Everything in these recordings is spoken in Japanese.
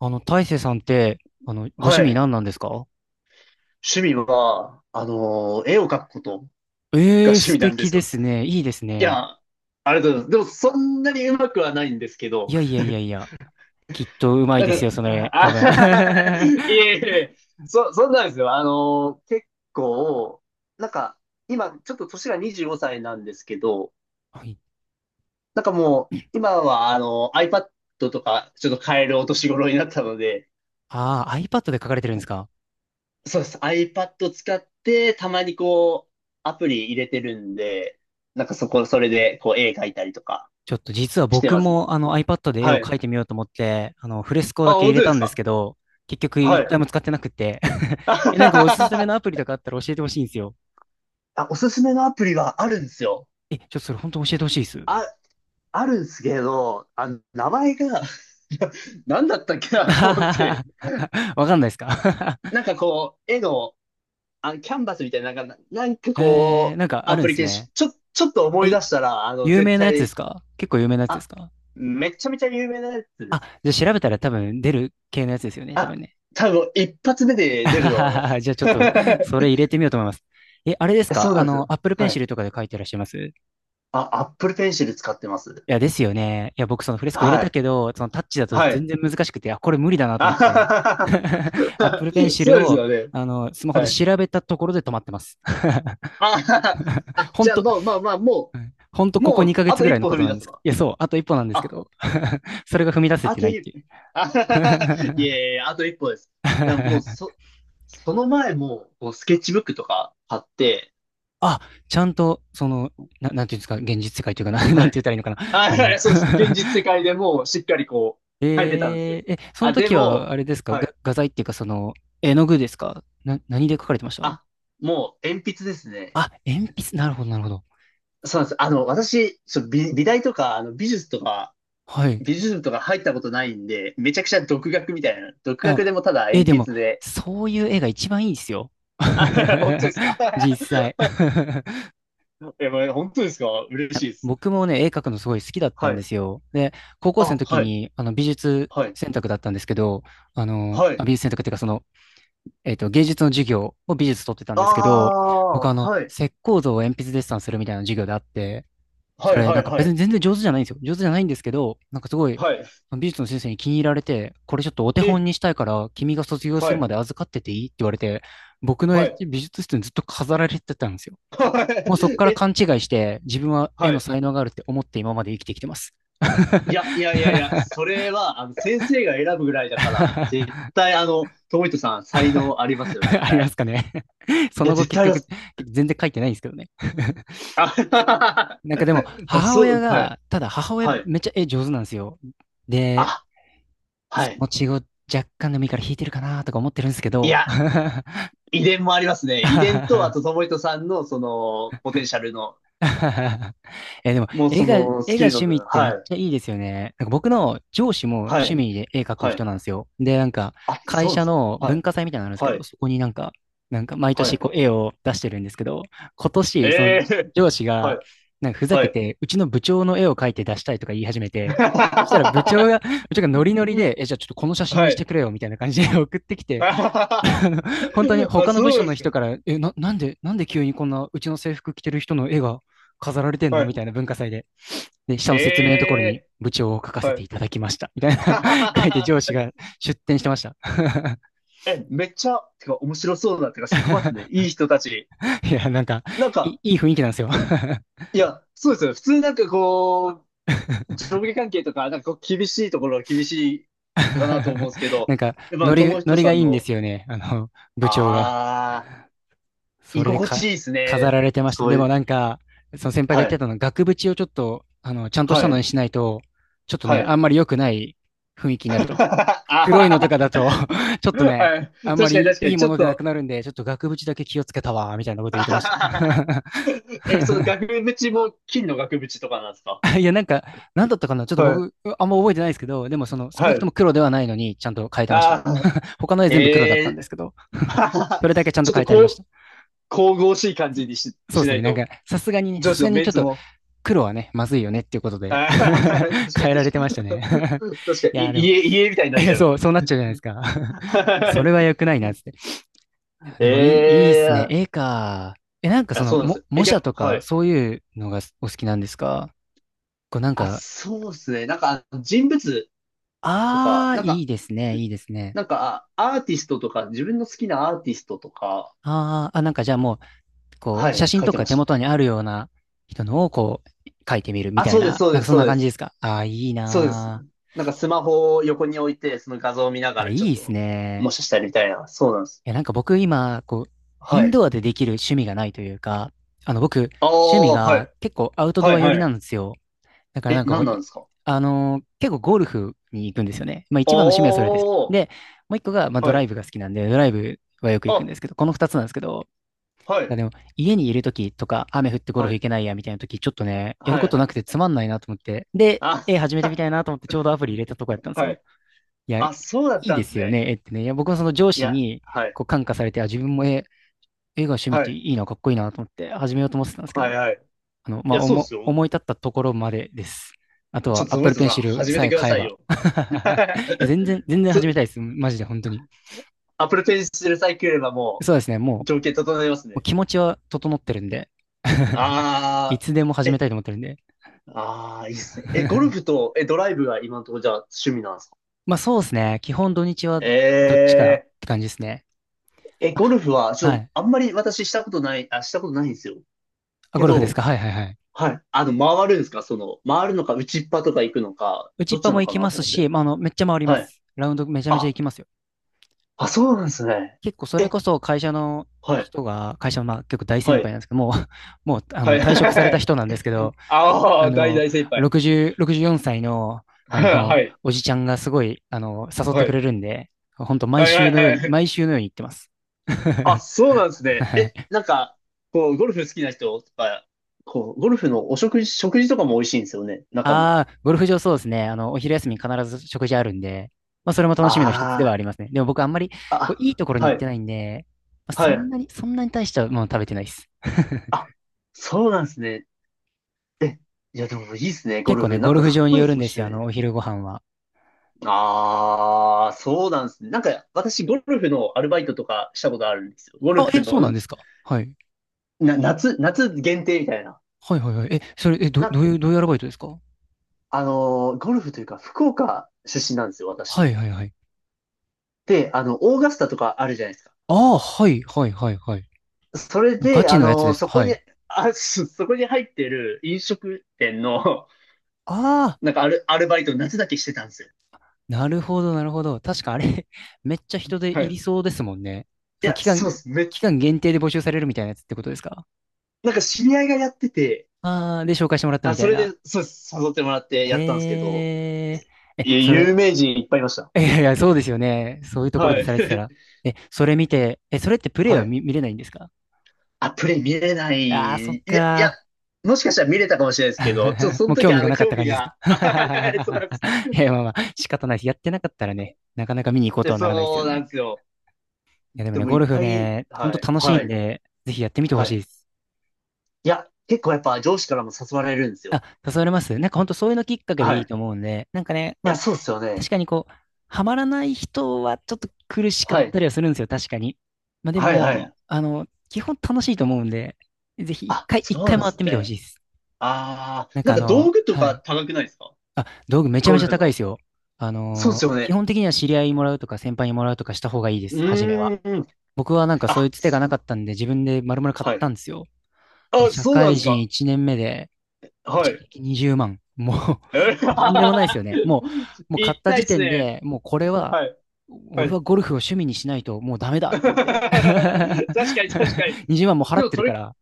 大成さんって、ご趣は味い。何なんですか？趣味は、絵を描くことがええー、趣素味なんで敵すでよ。すね。いいですいね。や、ありがとうございます。でも、そんなにうまくはないんですけいど、やいやいやいや。きっとうまいなんですか、よ、それ。多あ、分。はいえいえ、そんなんですよ。結構、なんか、今、ちょっと年が25歳なんですけど、い。なんかもう、今は、あの iPad とか、ちょっと買えるお年頃になったので、ああ、iPad で描かれてるんですか？そうです。iPad 使って、たまにこう、アプリ入れてるんで、それで、こう、絵描いたりとかちょっと実はして僕ます。もiPad で絵はをい。描いてみようと思って、フレスコあ、だけ入本れ当でたすんですか？けど、結局は一い。回も使ってなくて。え、なんかおすすめのアプ リとかあったら教えてほしいんですよ。あ、おすすめのアプリがあるんですよ。え、ちょっとそれ本当教えてほしいです。あ、あるんですけど、あの、名前が 何だったっけなと思って。わかんないですか？ なんかこう、絵の、あ、キャンバスみたいな、なんか こう、なんかあアるんプでリすケーショね。ン、ちょっと思いえ、出したら、あの、有絶名なやつです対、か？結構有名なやつですあ、か？めちゃめちゃ有名なやつであ、す。じゃあ調べたら多分出る系のやつですよね、多あ、分ね。多分一発目で出ると思いま す。じゃあちょっ と、それ入れてみようと思います。え、あれですそうか？なんですよ。Apple はい。Pencil とかで書いてらっしゃいます？あ、Apple Pencil 使ってます。いや、ですよね。いや、僕そのフレスコ入れはたい。けど、そのタッチだとは全い。然 難しくて、あ、これ無理だなとあ思っはて。は は Apple は Pencil そうですを、よね。スマホではい。調べたところで止まってます。あははは あ、ほんじゃあと、もう、まあまあ、もうん、ほんとう、ここもう、2ヶあ月とぐ一らいの歩こ踏とみな出んでせすけど。ば。いや、そう、あと一歩なんですけあ、ど、それが踏み出せあてなといっ一、ていう。あはははい えいえ、あと一歩です。いや、もう、そ、その前も、こうスケッチブックとか買って、あ、ちゃんと、その、なんていうんですか、現実世界というかな、なはんて言い。ったらいいのかな。あ、はいそうです。現実世 界でもしっかりこう、書いてたんですよ。え、そのあ、で時は、も、あれですか、はがい。画材っていうか、その、絵の具ですかな、何で描かれてました？あ、もう鉛筆ですね。あ、鉛筆、なるほど、なるほど。そうなんです。あの、私、美大とか、あの、美術とか、はい。美術部とか入ったことないんで、めちゃくちゃ独学みたいな。独あ、学でもただえ、鉛でも、筆で。そういう絵が一番いいですよ。あ、本当です か？ 実 際。え、まあ本当ですか？嬉しいです。僕もね、絵描くのすごい好きだったはんでい。すよ。で、高校生あ、の時はい。に、美術はい。選択だったんですけど、はい。美術選択っていうか、その、芸術の授業を美術取ってたんあですけど、僕あ、はい。石膏像を鉛筆デッサンするみたいな授業であって、そはい、れはなんい、かは別にい。全然上手じゃないんですよ。上手じゃないんですけど、なんかすごい、はい。美術の先生に気に入られて、これちょっとお手本え、にしたいから、君が卒業すはるまい。で預かってていいって言われて、僕のは絵い。美術室にずっと飾られてたんですよ。はもうそこい。か らえ、勘違いして、自分は絵はのい。才能があるって思って今まで生きてきてます。そ れは、あの、先生が選ぶぐらいだから、絶対、あの、トミトさん、才能ありますよ、絶あります対。かね？ そいや、の後絶結対ありま局、す。全然書いてないんですけどね。あ、なんかでも、あ母そ親う、はい、が、ただ母親はい。めっちゃ絵上手なんですよ。で、あ、はそのい。血を若干でもいいから引いてるかなとか思ってるんですけいど、や、遺伝もありますね。遺伝と、あと、トモヒトさんの、その、ポテンシャルの、え、でも、もう、絵そが、絵の、スがキルの趣味っ分。てめっはい、ちゃいいですよね。なんか僕の上司もは趣い、味で絵描くは人い。なんですよ。で、なんか、あ、会そうなん社ですか。のは文い、化祭みたいなのあるんですけはど、い、そこになんか、なんか毎は年い。こう絵を出してるんですけど、今え年、そのえ上司ーはが、い、なんかふざはけい。て、うちの部長の絵を描いて出したいとか言い始めて、そしたら部長が、部長がノリノリで、え、じゃあちょっとこの写真にはしてい。くれよ、みたいな感じで送ってき て、あ、本当に他の部そ署うでのすか。人から、え、なんで急にこんなうちの制服着てる人の絵が飾られてんはのみい。たいな文化祭で。で、下の説明のところにええ部長を書かせはてい。いただきました。みたいな 書いて上司 が出展してました。え、めっちゃ、てか面白そうだ。てか職場っすね。いい人たち。いや、なんか、なんいか、い、いい雰囲気なんですよ。いや、そうですよね。普通なんかこう、上下関係とか、なんかこう厳しいところは厳しいかなと思う んですけど、なんか、やっぱノリ、友ノ人リさがいんいんでの、すよね。部長が。あー、そ居れで心地か、いいです飾ね。られてました。そでういもう、なんか、その先輩が言はってい、たのは、額縁をちょっと、ちゃんとしはたのい、にしないと、ちょっとはね、い。あ んまり良くない雰囲気になると。黒いのとあかだと ちょっとーね、はい。あんま確かにり確かいに、いちもょっのでなくと、なるんで、ちょっと額縁だけ気をつけたわ、みたいなこと言ってまし え、その額縁も金の額縁とかなんですか？た。いや、なんか、なんだったかなちょっとはい。僕、あんま覚えてないですけど、でもその、少はなくとい。も黒ではないのに、ちゃんと変えてましあた。あ他の絵全部黒だっえたんえですー けど、そ れだけちゃんちとょっ変とえてあこりましう、た。神々しい感じにし、そうでしすなね。いなんと、か、さすがにね、さ上司すがのにメちょンっツとも、黒はね、まずいよねっていうことで ああ 変えられてましたね。 確か いに、や、でも、家、家みたいになっいちやゃう。そう、そうなっちゃうじゃないですか。 は それは良いくないな、つって。いや、でえ もいいっ すね。え絵か。え、あ、なんかそあの、そうなんですも、よ。模え、じ写ゃ、とはか、い。そういうのがお好きなんですか？こうなんあ、か、そうですね。なんか、人物とか、ああ、なんいか、いですね、いいですね。なんか、アーティストとか、自分の好きなアーティストとか、あああ、なんかじゃあもう、こはう、写い、真書いとてかまし手た。元にあるような人のをこう、描いてみるみあ、たいそうです、な、そうなんでかす、そんそなうで感じです。すか？ああー、いいそうです。ななんかスマホを横に置いて、その画像を見なー。があ、らいちょいっですと、もね。しかしたらみたいな。そうなんです。いや、なんか僕今、こう、イはンい。ドアでできる趣味がないというか、僕、あ趣味あ、はがい。結構アウトはドアい、寄りはない。んですよ。だからなえ、んかこう、何ないんですか？あのー結構ゴルフに行くんですよね。まああ一あ、番の趣味はそれです。はで、もう一個が、まあドライい。ブが好きなんで、ドライブはよく行くんであ、すけど、この二つなんですけど、はなんい。かでも家にいる時とか、雨降ってゴルはフい。行けないやみたいな時、ちょっとね、やるはこい、とはない。くてつまんないなと思って、で、あ、始めてみたいなと思ってちょうどアプリ入れたとこやったんですはよ。い。いや、いあ、そうだっいたでんですすよね。ね、絵ってね。いや、僕はその上い司や、にはい。こう感化されて、あ、自分も絵が趣味っはてい。いいな、かっこいいなと思って始めようと思ってたんですけはい、ど、はい。いまあ、や、そうで思、すよ。思い立ったところまでです。あとちは ょっと、その Apple 人さん、Pencil 始めさてえくだ買えさいば。よ。いや、全然、全然そ、始めたいです。マジで、本当に。アップルペンシルさえ来ればもそうですね、もう、う、も条件整えますうね。気持ちは整ってるんで、いあつでもあ、始めえたいと思ってるんで。ああ、いいですね。え、ゴルフ と、え、ドライブが今のところじゃあ趣味なんですか？まあ、そうですね。基本土日はえどっちかって感じですね。ー、え、あ、ゴルフは、はい。あんまり私したことない、あ、したことないんですよ。あ、けゴルフですど、か。はいはいはい。はい。あの、回るんですか？その、回るのか、打ちっぱとか行くのか、打ちどっっちぱなもの行かきなまとす思って。し、まあ、めっちゃ回りまはい。す。ラウンドめちゃめちゃあ、行きますよ。あ、そうなんですね。結構それえ、こそ会社のはい、人が、会社のまあ結構大先は輩い、なんですけど、もう、もうはい。退職された人なんですけど、そあああ、大の、大先輩。60、64歳の、はい、はい、おじちゃんがすごい、誘ってくれるんで、本当毎はい、は週い、のようはに、毎い。週のように行ってます。あ、そうなんです ね。はえ、い。なんか、こう、ゴルフ好きな人とか、こう、ゴルフのお食事、食事とかも美味しいんですよね、中の。ああ、ゴルフ場そうですね。お昼休み必ず食事あるんで、まあ、それも楽あしみの一つではありますね。でも僕あんまり、あ、いいところあ、には行ってい、ないんで、はい。そんなに大したもの食べてないです。あ、そうなんですね。え、いや、でもいいですね、ゴ結ル構ね、フ。なんゴルかフかっ場にこいいよでるすんもん、ですよ、趣味。お昼ご飯は。ああ、そうなんですね。なんか、私、ゴルフのアルバイトとかしたことあるんですよ。ゴルあ、フえ、そうの、なんんですか。はい。な、夏、夏限定みたいな。はいはいはい。え、それ、え、ど、な、どういう、どういうアルバイトですか？ゴルフというか、福岡出身なんですよ、は私。いはいはい。で、あの、オーガスタとかあるじゃないですか。ああ、はいはいはいはい。それもうガで、チあのやつでの、すそか？こはに、い。そこに入ってる飲食店の、あ、 なんかアル、アルバイトを夏だけしてたんですよ。なるほど、なるほど。確かあれ めっちゃ人ではい。いりいそうですもんね。そのや、期間、そうです。め、期間限定で募集されるみたいなやつってことですか？なんか知り合いがやってて、ああー、で、紹介してもらったあ、みたそいれな。で、そうです。誘ってもらってえやったんですけど、ー、え、いや、そ有れ、名人いっぱいいました。いやいや、そうですよね。そういうところはでい。されてたら。え、それ見て、え、それってプレイははい。見れないんですか？あ、プレイ見れなああー、そい。っかー。もしかしたら見れたかもしれないですけど、ちょっと そものう興時味あがの、なかっ興た味感じですか？ が、あそう なんです。いや、まあまあ、仕方ないです。やってなかったらね、なかなか見に行こうとではならないですそようなんね。ですよ。いや、でもでね、もいゴっルフぱい、ね、ほんとはい、楽しいはんい、で、ぜひやってみてほはしいい。です。いや、結構やっぱ上司からも誘われるんですよ。あ、誘われます？なんか本当そういうのきっかけではいい。いいと思うんで、なんかね、まあや、そうですよ確ね。かにこう、ハマらない人はちょっと苦しかっはい。たりはするんですよ、確かに。まあではいはも、い。基本楽しいと思うんで、ぜひ一あ、回、そ一う回なんで回っすてみてほしね。いです。ああ、なんか道具とはかい。高くないですか？あ、道具めちゃゴめちルゃフ高いでの。すよ。あそうでの、すよ基ね。本的には知り合いにもらうとか先輩にもらうとかした方がいいでうす、初めは。ーん。僕はなんかそういうあ、つてがすなかったんで自分で丸々買っはい。たんですよ。あ、社そうなんで会す人か。1年目で、は一い。撃20万。もえう とんでもないー ですよね。もう買っ たたい時っす点ね。で、もうこれは、はい。は俺い。はゴルフを趣味にしないともうダメだ っ確てなって。かに確か に。20万も払でっもてるそかれ、ら。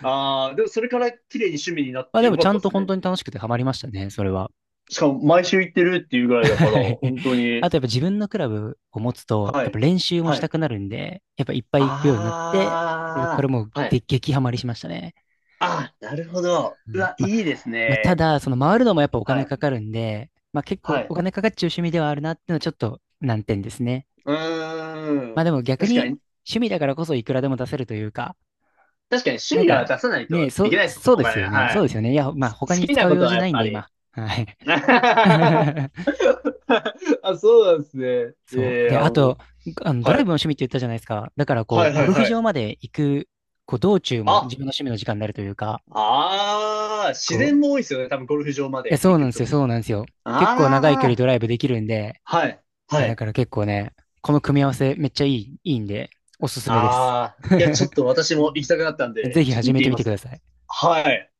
ああ、でもそれから綺麗に趣味になっまあてでよもかちっゃたっんとす本ね。当に楽しくてハマりましたね、それは。しかも毎週行ってるっていうぐらいだから、はい。本当あにとやっぱ自分のクラブを持つと、はやっぱい。練習もしはたい。くなるんで、やっぱいっぱい行くようになって、それからあもうあ、はでい。激ハマりしましたね。ああ、なるほど。うねわ、まあ、いいですたね。だ、その回るのもやっぱおは金い。かかるんで、まあ結は構おい。金かかっちゃう趣味ではあるなっていうのはちょっと難点ですね。うまーあでん。も逆確かにに、趣味だからこそいくらでも出せるというか、確かに趣なん味はか出さないとね、いけないですもん、そうおです金。よね。はそうい。ですよね。いや、まあ他好にき使なうこ用とは事やなっいんぱでり。今。はい。あ、そうなんですね。いそやいう。で、や、あもと、う。あの、ドラはイブい。の趣味って言ったじゃないですか。だからこはう、いはゴいルフは場い。まで行く、こう、道中も自あ、分の趣味の時間になるというか、ああ、自然いも多いですよね。多分ゴルフ場まや、でそ行うなんくですよ、と。そうなんですよ。結構長い距離あドライブできるんで、あ、はい。いはや、だい。から結構ね、この組み合わせめっちゃいい、いいんで、おすすめです。ああ、いや、ちょ っと私も行きたくなったんぜで、ひちょっと始行っめててみみまてくすだね。さい。はい。